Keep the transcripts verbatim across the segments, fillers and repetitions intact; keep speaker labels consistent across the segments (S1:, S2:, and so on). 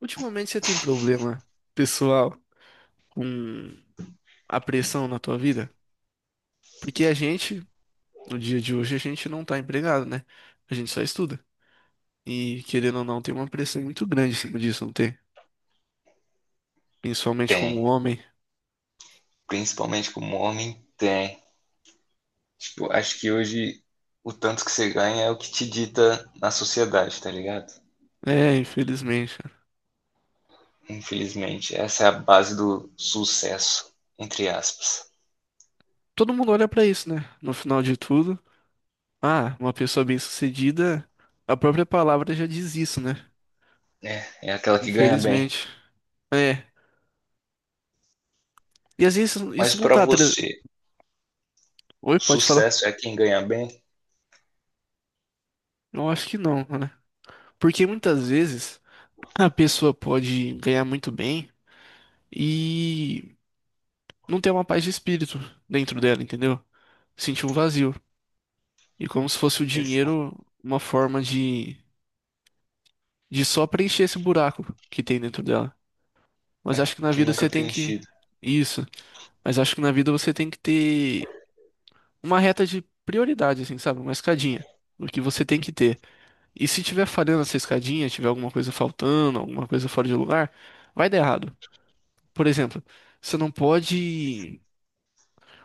S1: Ultimamente você tem problema pessoal com a pressão na tua vida? Porque a gente, no dia de hoje, a gente não tá empregado, né? A gente só estuda. E querendo ou não, tem uma pressão muito grande em cima disso, não tem? Principalmente
S2: Tem.
S1: como homem.
S2: Principalmente como homem, tem. Tipo, acho que hoje o tanto que você ganha é o que te dita na sociedade, tá ligado?
S1: É, infelizmente, cara.
S2: Infelizmente, essa é a base do sucesso, entre aspas.
S1: Todo mundo olha pra isso, né? No final de tudo, ah, uma pessoa bem-sucedida, a própria palavra já diz isso, né?
S2: É, é aquela que ganha bem.
S1: Infelizmente. É. E às vezes
S2: Mas
S1: isso não
S2: pra
S1: tá. tra-
S2: você,
S1: Oi, pode falar?
S2: sucesso é quem ganha bem?
S1: Eu acho que não, né? Porque muitas vezes. A pessoa pode ganhar muito bem e não ter uma paz de espírito dentro dela, entendeu? Sentir um vazio. E como se fosse o
S2: Isso.
S1: dinheiro uma forma de, de só preencher esse buraco que tem dentro dela. Mas
S2: É,
S1: acho que na
S2: que
S1: vida
S2: nunca é
S1: você tem que.
S2: preenchido.
S1: Isso. Mas acho que na vida você tem que ter uma reta de prioridade, assim, sabe? Uma escadinha. O que você tem que ter. E se tiver falhando essa escadinha, tiver alguma coisa faltando, alguma coisa fora de lugar, vai dar errado. Por exemplo, você não pode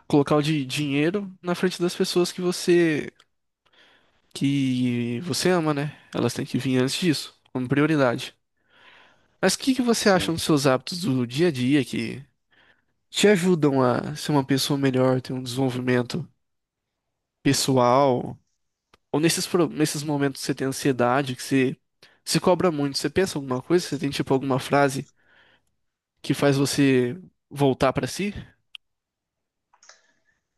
S1: colocar o di- dinheiro na frente das pessoas que você que você ama, né? Elas têm que vir antes disso, como prioridade. Mas o que que você acha
S2: Sim.
S1: dos seus hábitos do dia a dia que te ajudam a ser uma pessoa melhor, ter um desenvolvimento pessoal? Ou nesses, pro- nesses momentos que você tem ansiedade, que você se cobra muito, você pensa alguma coisa? Você tem tipo alguma frase que faz você voltar pra si?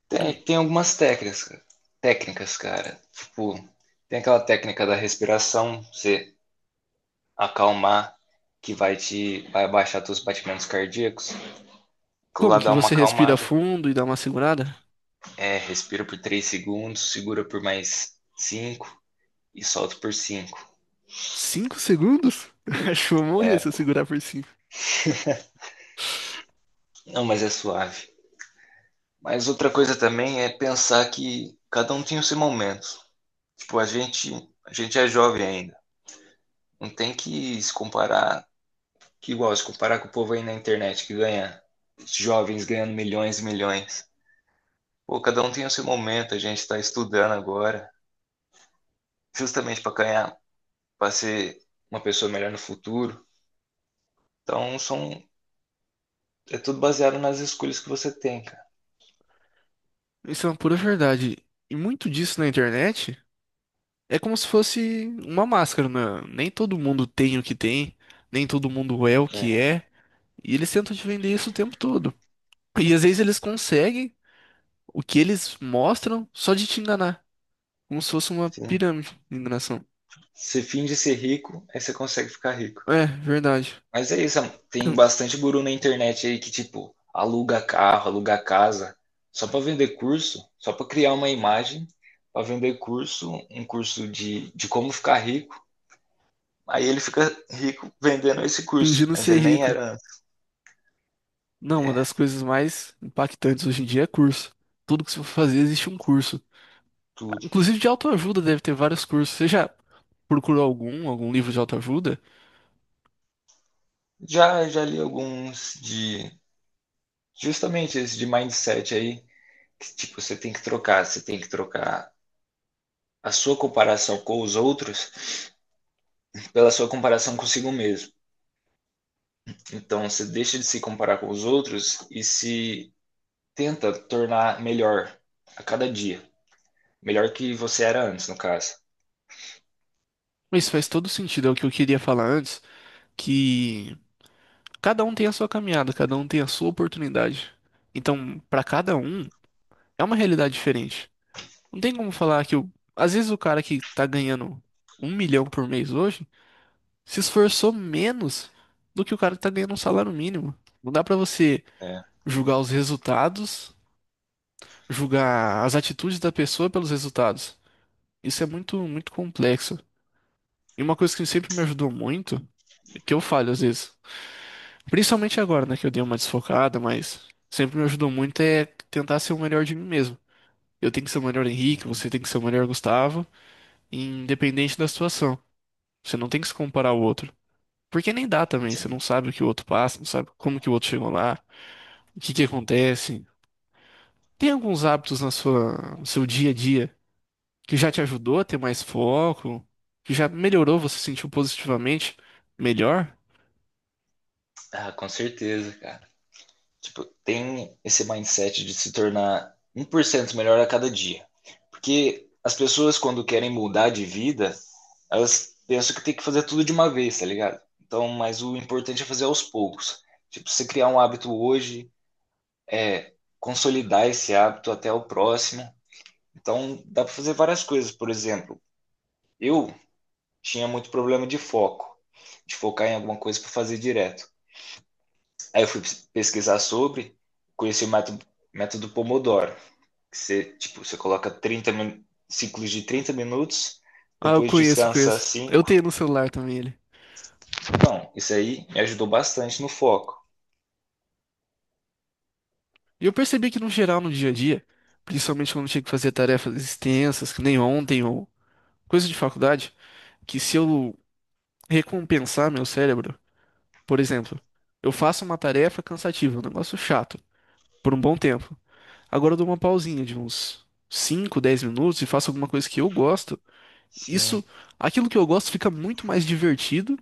S2: Tem, tem algumas técnicas, cara. técnicas, cara. Tipo, tem aquela técnica da respiração, você acalmar, que vai te vai abaixar teus batimentos cardíacos. Aquilo
S1: Como
S2: lá
S1: que
S2: dá uma
S1: você respira
S2: acalmada.
S1: fundo e dá uma segurada?
S2: É, respira por três segundos, segura por mais cinco e solta por cinco.
S1: Cinco segundos? Acho que eu vou morrer
S2: É,
S1: se eu segurar por cinco.
S2: não, mas é suave. Mas outra coisa também é pensar que cada um tem o seu momento. Tipo, a gente, a gente é jovem ainda. Não tem que se comparar, que igual se comparar com o povo aí na internet que ganha jovens ganhando milhões e milhões. Pô, cada um tem o seu momento, a gente está estudando agora, justamente para ganhar, para ser uma pessoa melhor no futuro. Então, são, é tudo baseado nas escolhas que você tem, cara.
S1: Isso é uma pura verdade. E muito disso na internet é como se fosse uma máscara, né? Nem todo mundo tem o que tem, nem todo mundo é o
S2: É,
S1: que é. E eles tentam te vender isso o tempo todo. E às vezes eles conseguem o que eles mostram só de te enganar. Como se fosse uma
S2: sim.
S1: pirâmide de enganação.
S2: Você finge ser rico, aí você consegue ficar rico.
S1: É, verdade.
S2: Mas é isso, tem bastante guru na internet aí que, tipo, aluga carro, aluga casa, só para vender curso, só para criar uma imagem, para vender curso, um curso de, de como ficar rico. Aí ele fica rico vendendo esse curso,
S1: Fingindo
S2: mas
S1: ser
S2: ele nem
S1: rico.
S2: era antes.
S1: Não, uma
S2: É,
S1: das coisas mais impactantes hoje em dia é curso. Tudo que você for fazer existe um curso.
S2: tudo.
S1: Inclusive de autoajuda deve ter vários cursos. Você já procurou algum, algum livro de autoajuda?
S2: Já, já li alguns de. Justamente esse de mindset aí, que, tipo, você tem que trocar, você tem que trocar a sua comparação com os outros pela sua comparação consigo mesmo. Então, você deixa de se comparar com os outros e se tenta tornar melhor a cada dia. Melhor que você era antes, no caso.
S1: Mas faz todo sentido, é o que eu queria falar antes, que cada um tem a sua caminhada, cada um tem a sua oportunidade. Então, para cada um, é uma realidade diferente. Não tem como falar que o... às vezes o cara que tá ganhando um milhão por mês hoje se esforçou menos do que o cara que tá ganhando um salário mínimo. Não dá pra você
S2: É,
S1: julgar os resultados, julgar as atitudes da pessoa pelos resultados. Isso é muito, muito complexo. E uma coisa que sempre me ajudou muito, que eu falho às vezes, principalmente agora, né, que eu dei uma desfocada, mas sempre me ajudou muito é tentar ser o melhor de mim mesmo. Eu tenho que ser o melhor Henrique, você tem que ser o melhor Gustavo, independente da situação. Você não tem que se comparar ao outro. Porque nem dá também, você não
S2: sim.
S1: sabe o que o outro passa, não sabe como que o outro chegou lá, o que que acontece. Tem alguns hábitos na sua, no seu dia a dia que já te ajudou a ter mais foco, que já melhorou, você sentiu positivamente melhor?
S2: Ah, com certeza, cara. Tipo, tem esse mindset de se tornar um por cento melhor a cada dia. Porque as pessoas, quando querem mudar de vida, elas pensam que tem que fazer tudo de uma vez, tá ligado? Então, mas o importante é fazer aos poucos. Tipo, você criar um hábito hoje, é consolidar esse hábito até o próximo. Então, dá para fazer várias coisas. Por exemplo, eu tinha muito problema de foco, de focar em alguma coisa para fazer direto. Aí eu fui pesquisar sobre, conheci o método, método Pomodoro, que você, tipo, você coloca trinta ciclos de trinta minutos,
S1: Ah, eu
S2: depois
S1: conheço,
S2: descansa
S1: conheço. Eu
S2: cinco.
S1: tenho no celular também ele.
S2: Então, isso aí me ajudou bastante no foco.
S1: E eu percebi que no geral, no dia a dia, principalmente quando eu tinha que fazer tarefas extensas, que nem ontem ou coisa de faculdade, que se eu recompensar meu cérebro, por exemplo, eu faço uma tarefa cansativa, um negócio chato, por um bom tempo. Agora eu dou uma pausinha de uns cinco, dez minutos e faço alguma coisa que eu gosto.
S2: Sim,
S1: Isso, aquilo que eu gosto fica muito mais divertido.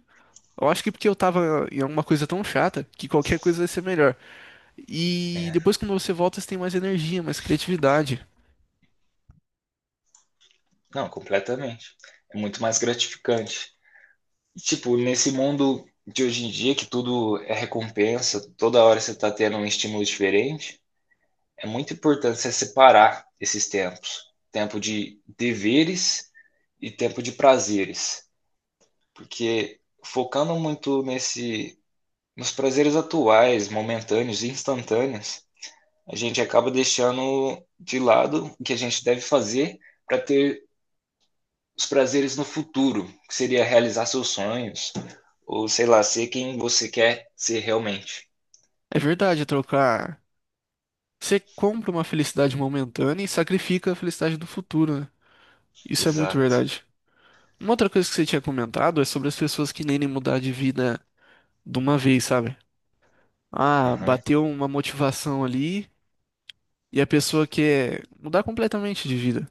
S1: Eu acho que porque eu tava em alguma coisa tão chata que qualquer coisa vai ser melhor. E
S2: é.
S1: depois quando você volta, você tem mais energia, mais criatividade.
S2: Não, completamente. É muito mais gratificante. E, tipo, nesse mundo de hoje em dia, que tudo é recompensa, toda hora você tá tendo um estímulo diferente, é muito importante você separar esses tempos. Tempo de deveres e tempo de prazeres. Porque focando muito nesse, nos prazeres atuais, momentâneos e instantâneos, a gente acaba deixando de lado o que a gente deve fazer para ter os prazeres no futuro, que seria realizar seus sonhos, ou sei lá, ser quem você quer ser realmente.
S1: É verdade, é trocar. Você compra uma felicidade momentânea e sacrifica a felicidade do futuro, né? Isso é muito
S2: Exato.
S1: verdade. Uma outra coisa que você tinha comentado é sobre as pessoas que nem mudar de vida de uma vez, sabe? Ah,
S2: Aham.
S1: bateu uma motivação ali e a pessoa quer mudar completamente de vida.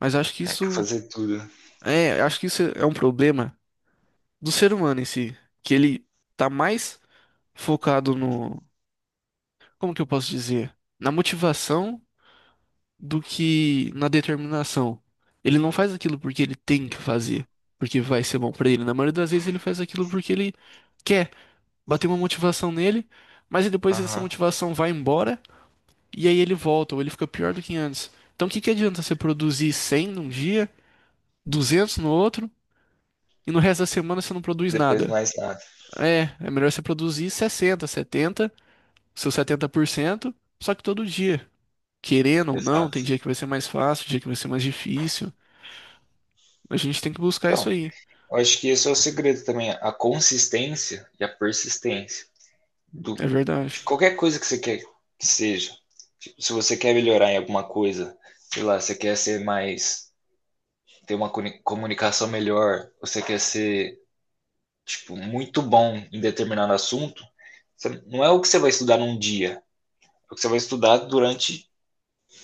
S1: Mas acho que
S2: É que
S1: isso...
S2: fazer tudo.
S1: É, eu acho que isso é um problema do ser humano em si, que ele tá mais focado no, como que eu posso dizer, na motivação do que na determinação. Ele não faz aquilo porque ele tem que fazer, porque vai ser bom pra ele. Na maioria das vezes ele faz aquilo porque ele quer, bater uma motivação nele, mas aí depois essa
S2: Aham.
S1: motivação vai embora e aí ele volta ou ele fica pior do que antes. Então o que que adianta você produzir cem num dia, duzentos no outro e no resto da semana você não produz
S2: Depois
S1: nada?
S2: mais nada.
S1: É, é melhor você produzir sessenta, setenta, seus setenta por cento, só que todo dia. Querendo ou não, tem
S2: Exato.
S1: dia que vai ser mais fácil, dia que vai ser mais difícil. A gente tem que buscar isso
S2: Então,
S1: aí.
S2: eu acho que esse é o segredo também, a consistência e a persistência do,
S1: É verdade.
S2: de qualquer coisa que você quer que seja. Tipo, se você quer melhorar em alguma coisa, sei lá, você quer ser mais, ter uma comuni- comunicação melhor, você quer ser, tipo, muito bom em determinado assunto, você- não é o que você vai estudar num dia, é o que você vai estudar durante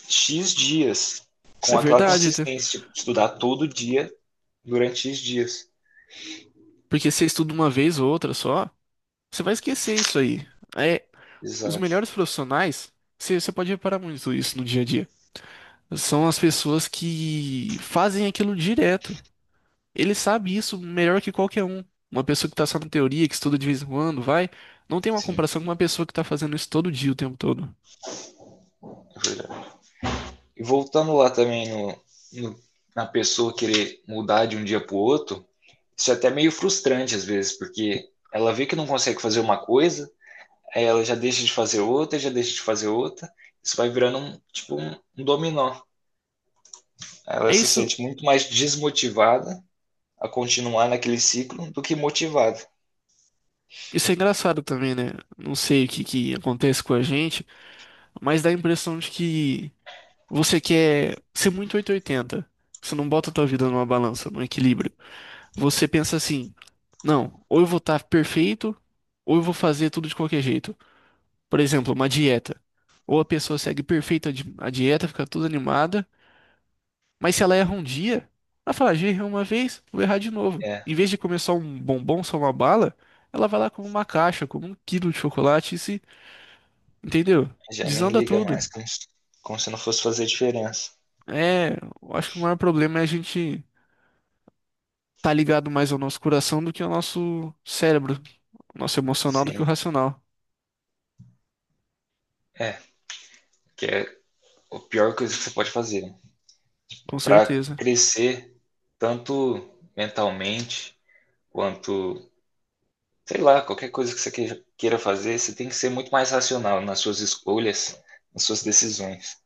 S2: X dias,
S1: É
S2: com aquela
S1: verdade, tá?
S2: consistência, tipo, estudar todo dia durante X dias.
S1: Porque você estuda uma vez ou outra só, você vai esquecer isso aí. É, os
S2: Exato,
S1: melhores profissionais, você, você pode reparar muito isso no dia a dia. São as pessoas que fazem aquilo direto. Ele sabe isso melhor que qualquer um. Uma pessoa que tá só na teoria, que estuda de vez em quando, vai, não tem uma
S2: sim,
S1: comparação com uma pessoa que tá fazendo isso todo dia, o tempo todo.
S2: é verdade. E voltando lá também no, no- na pessoa querer mudar de um dia pro outro, isso é até meio frustrante às vezes, porque ela vê que não consegue fazer uma coisa, aí ela já deixa de fazer outra, já deixa de fazer outra, isso vai virando um, tipo, um um dominó. Ela
S1: É
S2: se
S1: isso,
S2: sente muito mais desmotivada a continuar naquele ciclo do que motivada.
S1: isso é engraçado também, né? Não sei o que que acontece com a gente, mas dá a impressão de que você quer ser muito oitocentos e oitenta. Você não bota a tua vida numa balança, num equilíbrio. Você pensa assim, não, ou eu vou estar perfeito, ou eu vou fazer tudo de qualquer jeito. Por exemplo, uma dieta. Ou a pessoa segue perfeita a di- a dieta, fica toda animada. Mas se ela erra um dia, ela fala: "Ah, já errei uma vez, vou errar de novo.
S2: É,
S1: Em vez de comer só um bombom, só uma bala, ela vai lá como uma caixa, como um quilo de chocolate e se, entendeu?"
S2: já nem
S1: Desanda
S2: liga
S1: tudo.
S2: mais, como se, como se não fosse fazer diferença.
S1: É, eu acho que o maior problema é a gente tá ligado mais ao nosso coração do que ao nosso cérebro, ao nosso emocional do que
S2: Sim,
S1: o racional,
S2: é, que é o pior coisa que você pode fazer.
S1: com
S2: Para
S1: certeza.
S2: crescer, tanto mentalmente, quanto, sei lá, qualquer coisa que você queja- queira fazer, você tem que ser muito mais racional nas suas escolhas, nas suas decisões.